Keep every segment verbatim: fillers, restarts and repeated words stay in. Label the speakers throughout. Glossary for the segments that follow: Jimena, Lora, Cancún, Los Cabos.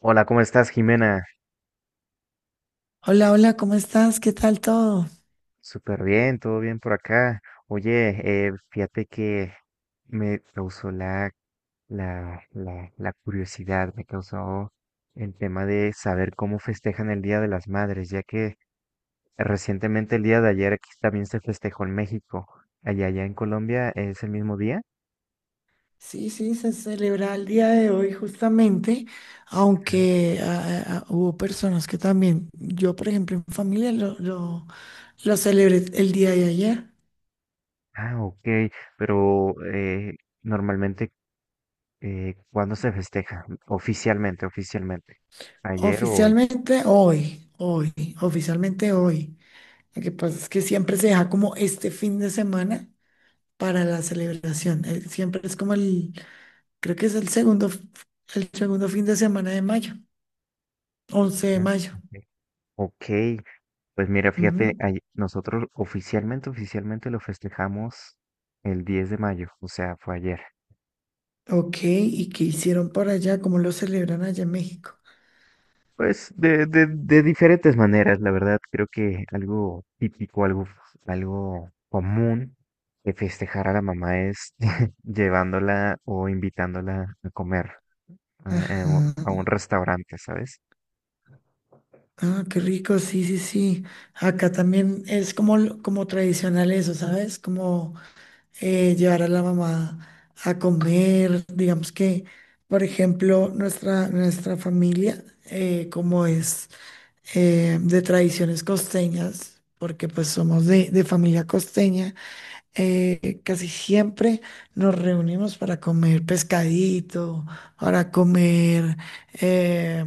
Speaker 1: Hola, ¿cómo estás, Jimena?
Speaker 2: Hola, hola, ¿cómo estás? ¿Qué tal todo?
Speaker 1: Súper bien, todo bien por acá. Oye, eh, fíjate que me causó la, la, la, la curiosidad, me causó el tema de saber cómo festejan el Día de las Madres, ya que recientemente el día de ayer aquí también se festejó en México. Allá, allá en Colombia es el mismo día.
Speaker 2: Sí, sí, se celebra el día de hoy justamente, aunque ah, ah, ah, hubo personas que también, yo por ejemplo en familia lo, lo, lo celebré el día de ayer,
Speaker 1: Ah, ok, pero eh, normalmente, eh, ¿cuándo se festeja? Oficialmente, oficialmente. ¿Ayer o hoy?
Speaker 2: oficialmente hoy, hoy, oficialmente hoy. Lo que pasa es que siempre se deja como este fin de semana para la celebración, eh, siempre es como el, creo que es el segundo, f- el segundo fin de semana de mayo, once de
Speaker 1: Ah,
Speaker 2: mayo.
Speaker 1: ok. Ok, pues mira, fíjate, ay- nosotros oficialmente, oficialmente lo festejamos el diez de mayo, o sea, fue ayer.
Speaker 2: Ok, ¿y qué hicieron por allá? ¿Cómo lo celebran allá en México?
Speaker 1: Pues de, de, de diferentes maneras, la verdad, creo que algo típico, algo, algo común de festejar a la mamá es llevándola o invitándola a comer eh, eh, o- a un
Speaker 2: Ajá.
Speaker 1: restaurante, ¿sabes?
Speaker 2: Ah, qué rico, sí, sí, sí. Acá también es como, lo- como tradicional eso, ¿sabes? Como eh, llevar a la mamá a comer, digamos que, por ejemplo, nuestra, nuestra familia, eh, como es eh, de tradiciones costeñas, porque pues somos de, de familia costeña. eh, casi siempre nos reunimos para comer pescadito, para comer eh,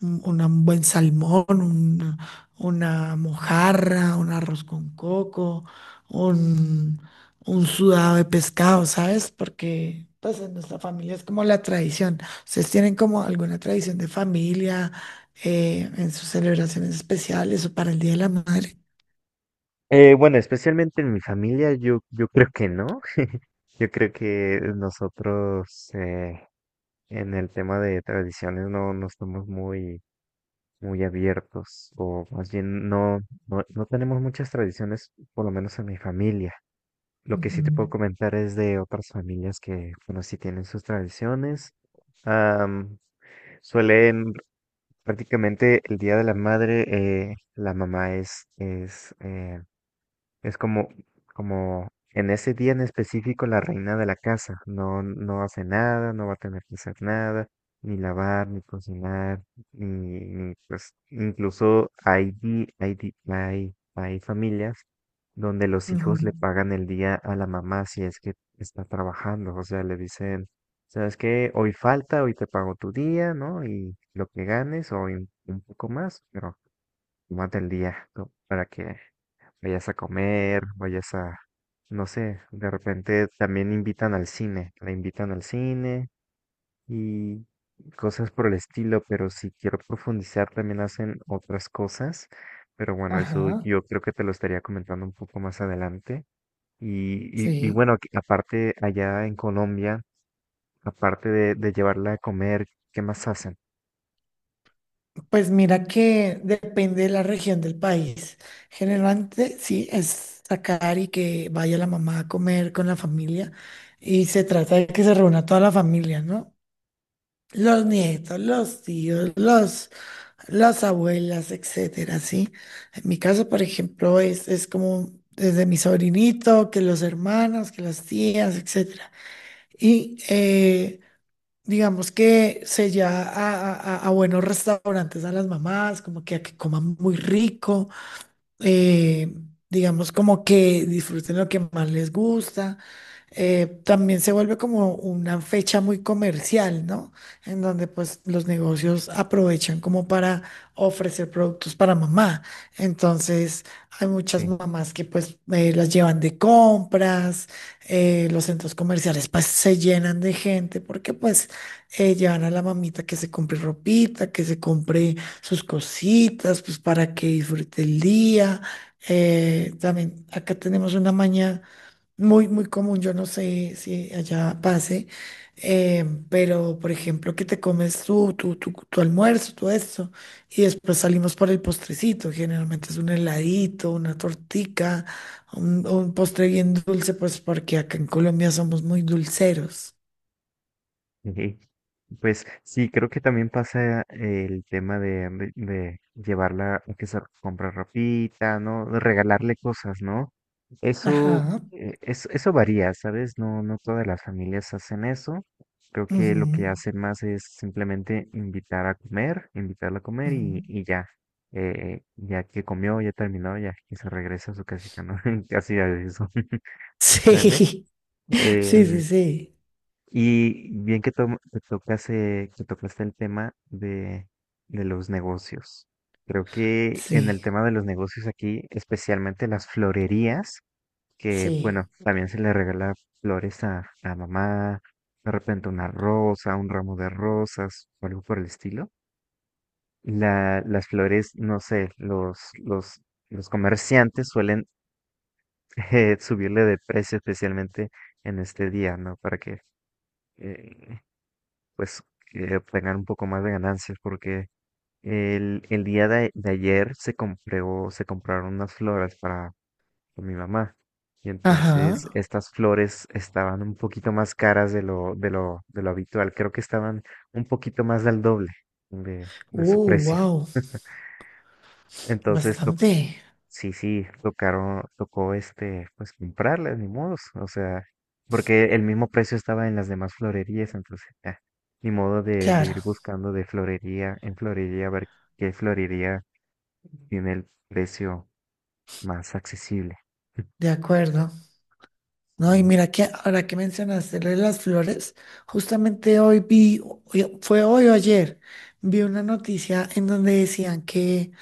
Speaker 2: un, una- un buen salmón, un- una mojarra, un arroz con coco, un, un sudado de pescado, ¿sabes? Porque pues en nuestra familia es como la tradición. ¿Ustedes tienen como alguna tradición de familia eh, en sus celebraciones especiales o para el Día de la Madre?
Speaker 1: Eh, bueno, especialmente en mi familia, yo, yo creo que no. Yo creo que nosotros, eh, en el tema de tradiciones no, no estamos muy, muy abiertos, o más bien no, no, no tenemos muchas tradiciones, por lo menos en mi familia. Lo que sí te puedo
Speaker 2: Ujú,
Speaker 1: comentar es de otras familias que, bueno, sí tienen sus tradiciones. Am, suelen prácticamente el Día de la Madre, eh, la mamá es, es eh, es como, como en ese día en específico la reina de la casa no, no hace nada, no va a tener que hacer nada, ni lavar, ni cocinar, ni, ni, pues incluso hay, di- hay, di- hay, hay familias donde los hijos
Speaker 2: ujú.
Speaker 1: le pagan el día a la mamá si es que está trabajando, o sea, le dicen, ¿sabes qué? Hoy falta, hoy te pago tu día, ¿no? Y lo que ganes o un un poco más, pero más del día, ¿no? Para que vayas a comer, vayas a, no sé, de repente también invitan al cine, la invitan al cine y cosas por el estilo, pero si quiero profundizar también hacen otras cosas, pero bueno, eso
Speaker 2: Ajá.
Speaker 1: yo creo que te lo estaría comentando un poco más adelante. Y, y, y
Speaker 2: Sí,
Speaker 1: bueno, que aparte allá en Colombia, aparte de, de llevarla a comer, ¿qué más hacen?
Speaker 2: pues mira que depende de la región del país. Generalmente sí es sacar y que vaya la mamá a comer con la familia y se trata de que se reúna toda la familia, ¿no? Los nietos, los tíos, los, las abuelas, etcétera, ¿sí? En mi caso, por ejemplo, es, es como desde mi sobrinito, que los hermanos, que las tías, etcétera. Y eh, digamos que se ya a, a- a- a buenos restaurantes a las mamás, como que a que coman muy rico, eh, digamos como que disfruten lo que más les gusta. Eh, también se vuelve como una fecha muy comercial, ¿no? En donde pues los negocios aprovechan como para ofrecer productos para mamá. Entonces hay muchas
Speaker 1: Sí.
Speaker 2: mamás que pues eh, las llevan de compras, eh, los centros comerciales pues se llenan de gente porque pues eh, llevan a la mamita que se compre ropita, que se compre sus cositas, pues para que disfrute el día. Eh, también acá tenemos una maña muy, muy común, yo no sé si allá pase, eh, pero por ejemplo, que te comes tú, tu, tu, tu almuerzo, todo eso y después salimos por el postrecito, generalmente es un heladito, una tortica, un, un postre bien dulce, pues porque acá en Colombia somos muy dulceros.
Speaker 1: Ujú. Pues sí, creo que también pasa el tema de, mm, de- de llevarla a que se comprar ropita, ¿no? De regalarle cosas, ¿no? Eso,
Speaker 2: Ajá.
Speaker 1: eh, es- eso varía, ¿sabes? No, no todas las familias hacen eso. Creo que lo que
Speaker 2: Ujú,
Speaker 1: hacen más es simplemente invitar a comer, invitarla a comer y,
Speaker 2: ujú.
Speaker 1: y ya. Eh, ya que comió, ya terminó, ya que se regresa a su casita, ¿no? Casi a eso, ¿vale?
Speaker 2: Sí, sí,
Speaker 1: Em,
Speaker 2: sí, sí,
Speaker 1: y bien que, to que tocase- que tocaste el tema de, de los negocios. Creo que en
Speaker 2: sí,
Speaker 1: el tema de los negocios aquí, especialmente las florerías, que bueno,
Speaker 2: sí.
Speaker 1: también se le regala flores a la mamá, de repente una rosa, un ramo de rosas o algo por el estilo. La, las flores, no sé, los, los, los comerciantes suelen eh, subirle de precio especialmente en este día, ¿no? Para que eh, pues eh, obtengan un poco más de ganancias porque el, el día de, de ayer se compró, se compraron unas flores para, para mi mamá y
Speaker 2: Ajá.
Speaker 1: entonces estas flores estaban un poquito más caras de lo, de lo, de lo habitual, creo que estaban un poquito más del doble de,
Speaker 2: Uh,
Speaker 1: de su precio.
Speaker 2: wow,
Speaker 1: Entonces,
Speaker 2: bastante.
Speaker 1: sí, sí, tocaron, tocó este, pues comprarlas, ni modos, o sea, porque el mismo precio estaba en las demás florerías, entonces, ah, ni modo de, de
Speaker 2: Claro,
Speaker 1: ir buscando de florería en florería, a ver qué florería tiene el precio más accesible.
Speaker 2: de acuerdo. No, y
Speaker 1: Sí,
Speaker 2: mira que ahora que mencionaste lo de las flores, justamente hoy vi, hoy- fue hoy o ayer, vi una noticia en donde decían que,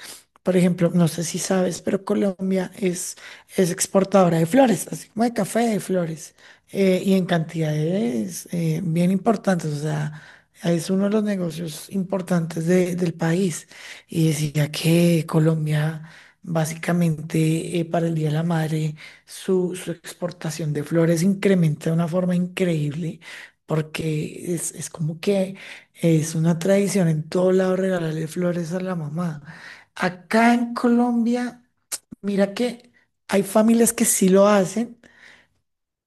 Speaker 2: por ejemplo, no sé si sabes, pero Colombia es, es exportadora de flores, así como de café de flores, eh, y en cantidades eh, bien importantes, o sea, es uno de los negocios importantes de- del país. Y decía que Colombia, básicamente, eh, para el Día de la Madre, su, su exportación de flores incrementa de una forma increíble porque es, es como que es una tradición en todo lado regalarle flores a la mamá. Acá en Colombia, mira que hay familias que sí lo hacen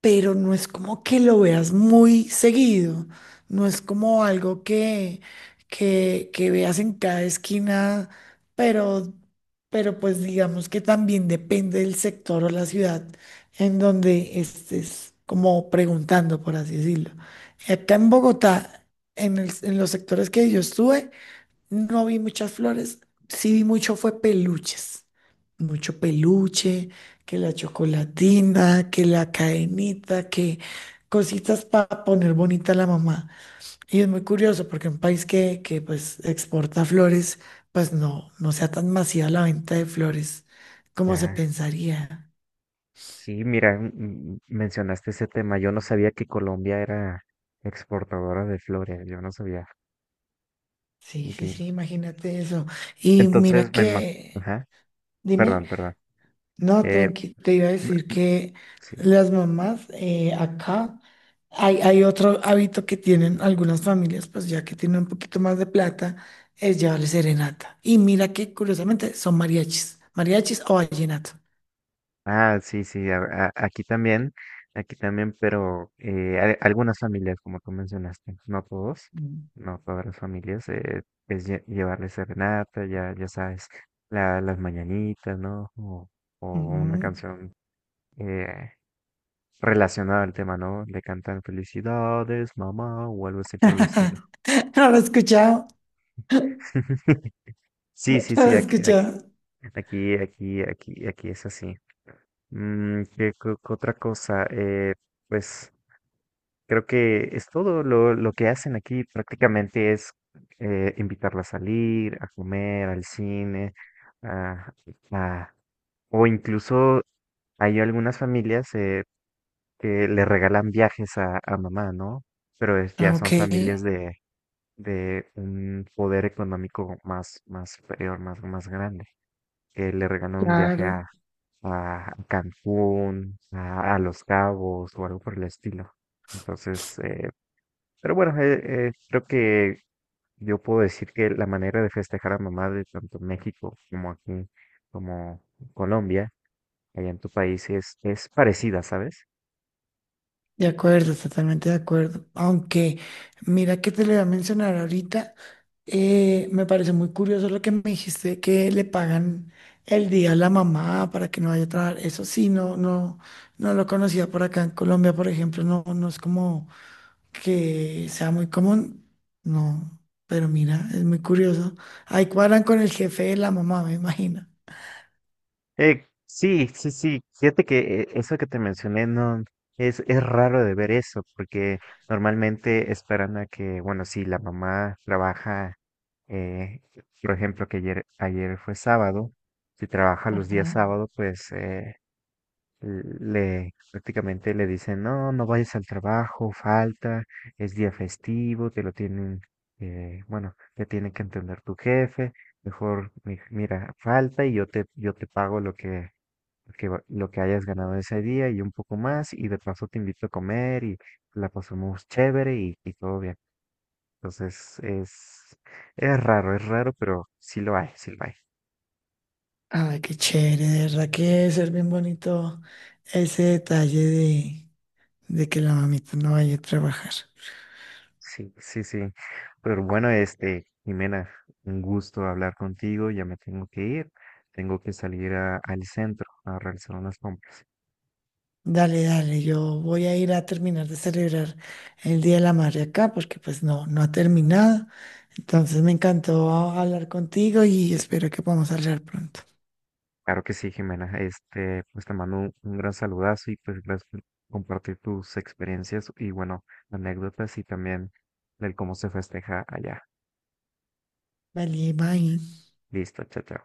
Speaker 2: pero no es como que lo veas muy seguido, no es como algo que, que, que veas en cada esquina, pero, pero pues digamos que también depende del sector o la ciudad en donde estés como preguntando, por así decirlo. Acá en Bogotá, en el- en los sectores que yo estuve, no vi muchas flores, sí vi mucho fue peluches, mucho peluche, que la chocolatina, que la cadenita, que cositas para poner bonita a la mamá. Y es muy curioso porque un país que, que pues exporta flores, pues no, no sea tan masiva la venta de flores como se
Speaker 1: ya,
Speaker 2: pensaría.
Speaker 1: sí, mira, mm, mencionaste ese tema, yo no sabía que Colombia era exportadora de flores, yo no sabía.
Speaker 2: Sí,
Speaker 1: Ok.
Speaker 2: sí, sí, imagínate eso. Y mira
Speaker 1: Entonces, me, ima-
Speaker 2: que,
Speaker 1: ajá,
Speaker 2: dime.
Speaker 1: perdón, perdón.
Speaker 2: No,
Speaker 1: Eh,
Speaker 2: tranqui, te iba a
Speaker 1: me-
Speaker 2: decir que
Speaker 1: sí.
Speaker 2: las mamás eh, acá hay, hay otro hábito que tienen algunas familias, pues ya que tienen un poquito más de plata, es llevarle serenata. Y mira que curiosamente son mariachis, mariachis o vallenato.
Speaker 1: Ah, sí, sí, a- a- aquí también, aquí también, pero eh, a- algunas familias, como tú mencionaste, no todos,
Speaker 2: Mm,
Speaker 1: no todas las familias, eh, es lle- llevarles serenata, ya, ya sabes, la- las mañanitas, ¿no? O, o una
Speaker 2: mm.
Speaker 1: canción eh, relacionada al tema, ¿no? Le cantan felicidades, mamá, o algo así por el estilo.
Speaker 2: No lo he escuchado,
Speaker 1: Sí,
Speaker 2: no
Speaker 1: sí,
Speaker 2: lo
Speaker 1: sí,
Speaker 2: he
Speaker 1: aquí, aquí,
Speaker 2: escuchado.
Speaker 1: aquí, aquí, aquí, aquí es así. Mm, ¿qué, co- co- otra cosa? Eh, pues. Creo que es todo lo, lo que hacen aquí prácticamente es eh, invitarla a salir, a comer, al cine, a- a- o incluso hay algunas familias eh, que le regalan viajes a, a mamá, ¿no? Pero es- ya
Speaker 2: Ah,
Speaker 1: son
Speaker 2: ok,
Speaker 1: familias de, de un poder económico más, más superior, más, más grande, que le regalan un viaje
Speaker 2: claro.
Speaker 1: a, a Cancún, a, a Los Cabos o algo por el estilo. Entonces, eh, pero bueno, eh, eh, creo que yo puedo decir que la manera de festejar a mamá de tanto México como aquí, como Colombia, allá en tu país, es, es parecida, ¿sabes?
Speaker 2: De acuerdo, totalmente de acuerdo. Aunque, mira que te le voy a mencionar ahorita, eh, me parece muy curioso lo que me dijiste, que le pagan el día a la mamá para que no vaya a trabajar. Eso sí, no, no, no lo conocía por acá en Colombia, por ejemplo, no, no es como que sea muy común. No, pero mira, es muy curioso. Ahí cuadran con el jefe de la mamá, me imagino.
Speaker 1: Eh, sí, sí, sí. Fíjate que eh, eso que te mencioné no es, es raro de ver eso, porque normalmente esperan a que, bueno, si la mamá trabaja, eh, por ejemplo, que ayer, ayer fue sábado, si trabaja los
Speaker 2: Ajá.
Speaker 1: días sábado, pues eh, le prácticamente le dicen, no, no vayas al trabajo, falta, es día festivo, te lo tienen, eh, bueno, te tiene que entender tu jefe, mejor mi- mira, falta y yo te, yo te pago lo que, lo que, va- lo que hayas ganado ese día y un poco más, y de paso te invito a comer y la pasamos chévere y, y todo bien. Entonces es, es raro, es raro, pero sí lo hay, sí lo hay.
Speaker 2: Ay, qué chévere, de verdad que debe ser bien bonito ese detalle de que la mamita no vaya a trabajar.
Speaker 1: Sí, sí, sí. Pero bueno, este, Jimena, un gusto hablar contigo. Ya me tengo que ir. Tengo que salir a- al centro a realizar unas compras.
Speaker 2: Dale, dale, yo voy a ir a terminar de celebrar el Día de la Madre acá, porque pues no, no ha terminado. Entonces me encantó hablar contigo y espero que podamos hablar pronto.
Speaker 1: Claro que sí, Jimena. Este, pues te mando un, un gran saludazo y pues gracias por compartir tus experiencias y bueno, anécdotas y también del cómo se festeja allá.
Speaker 2: Vale, bye.
Speaker 1: Listo, chao, chao.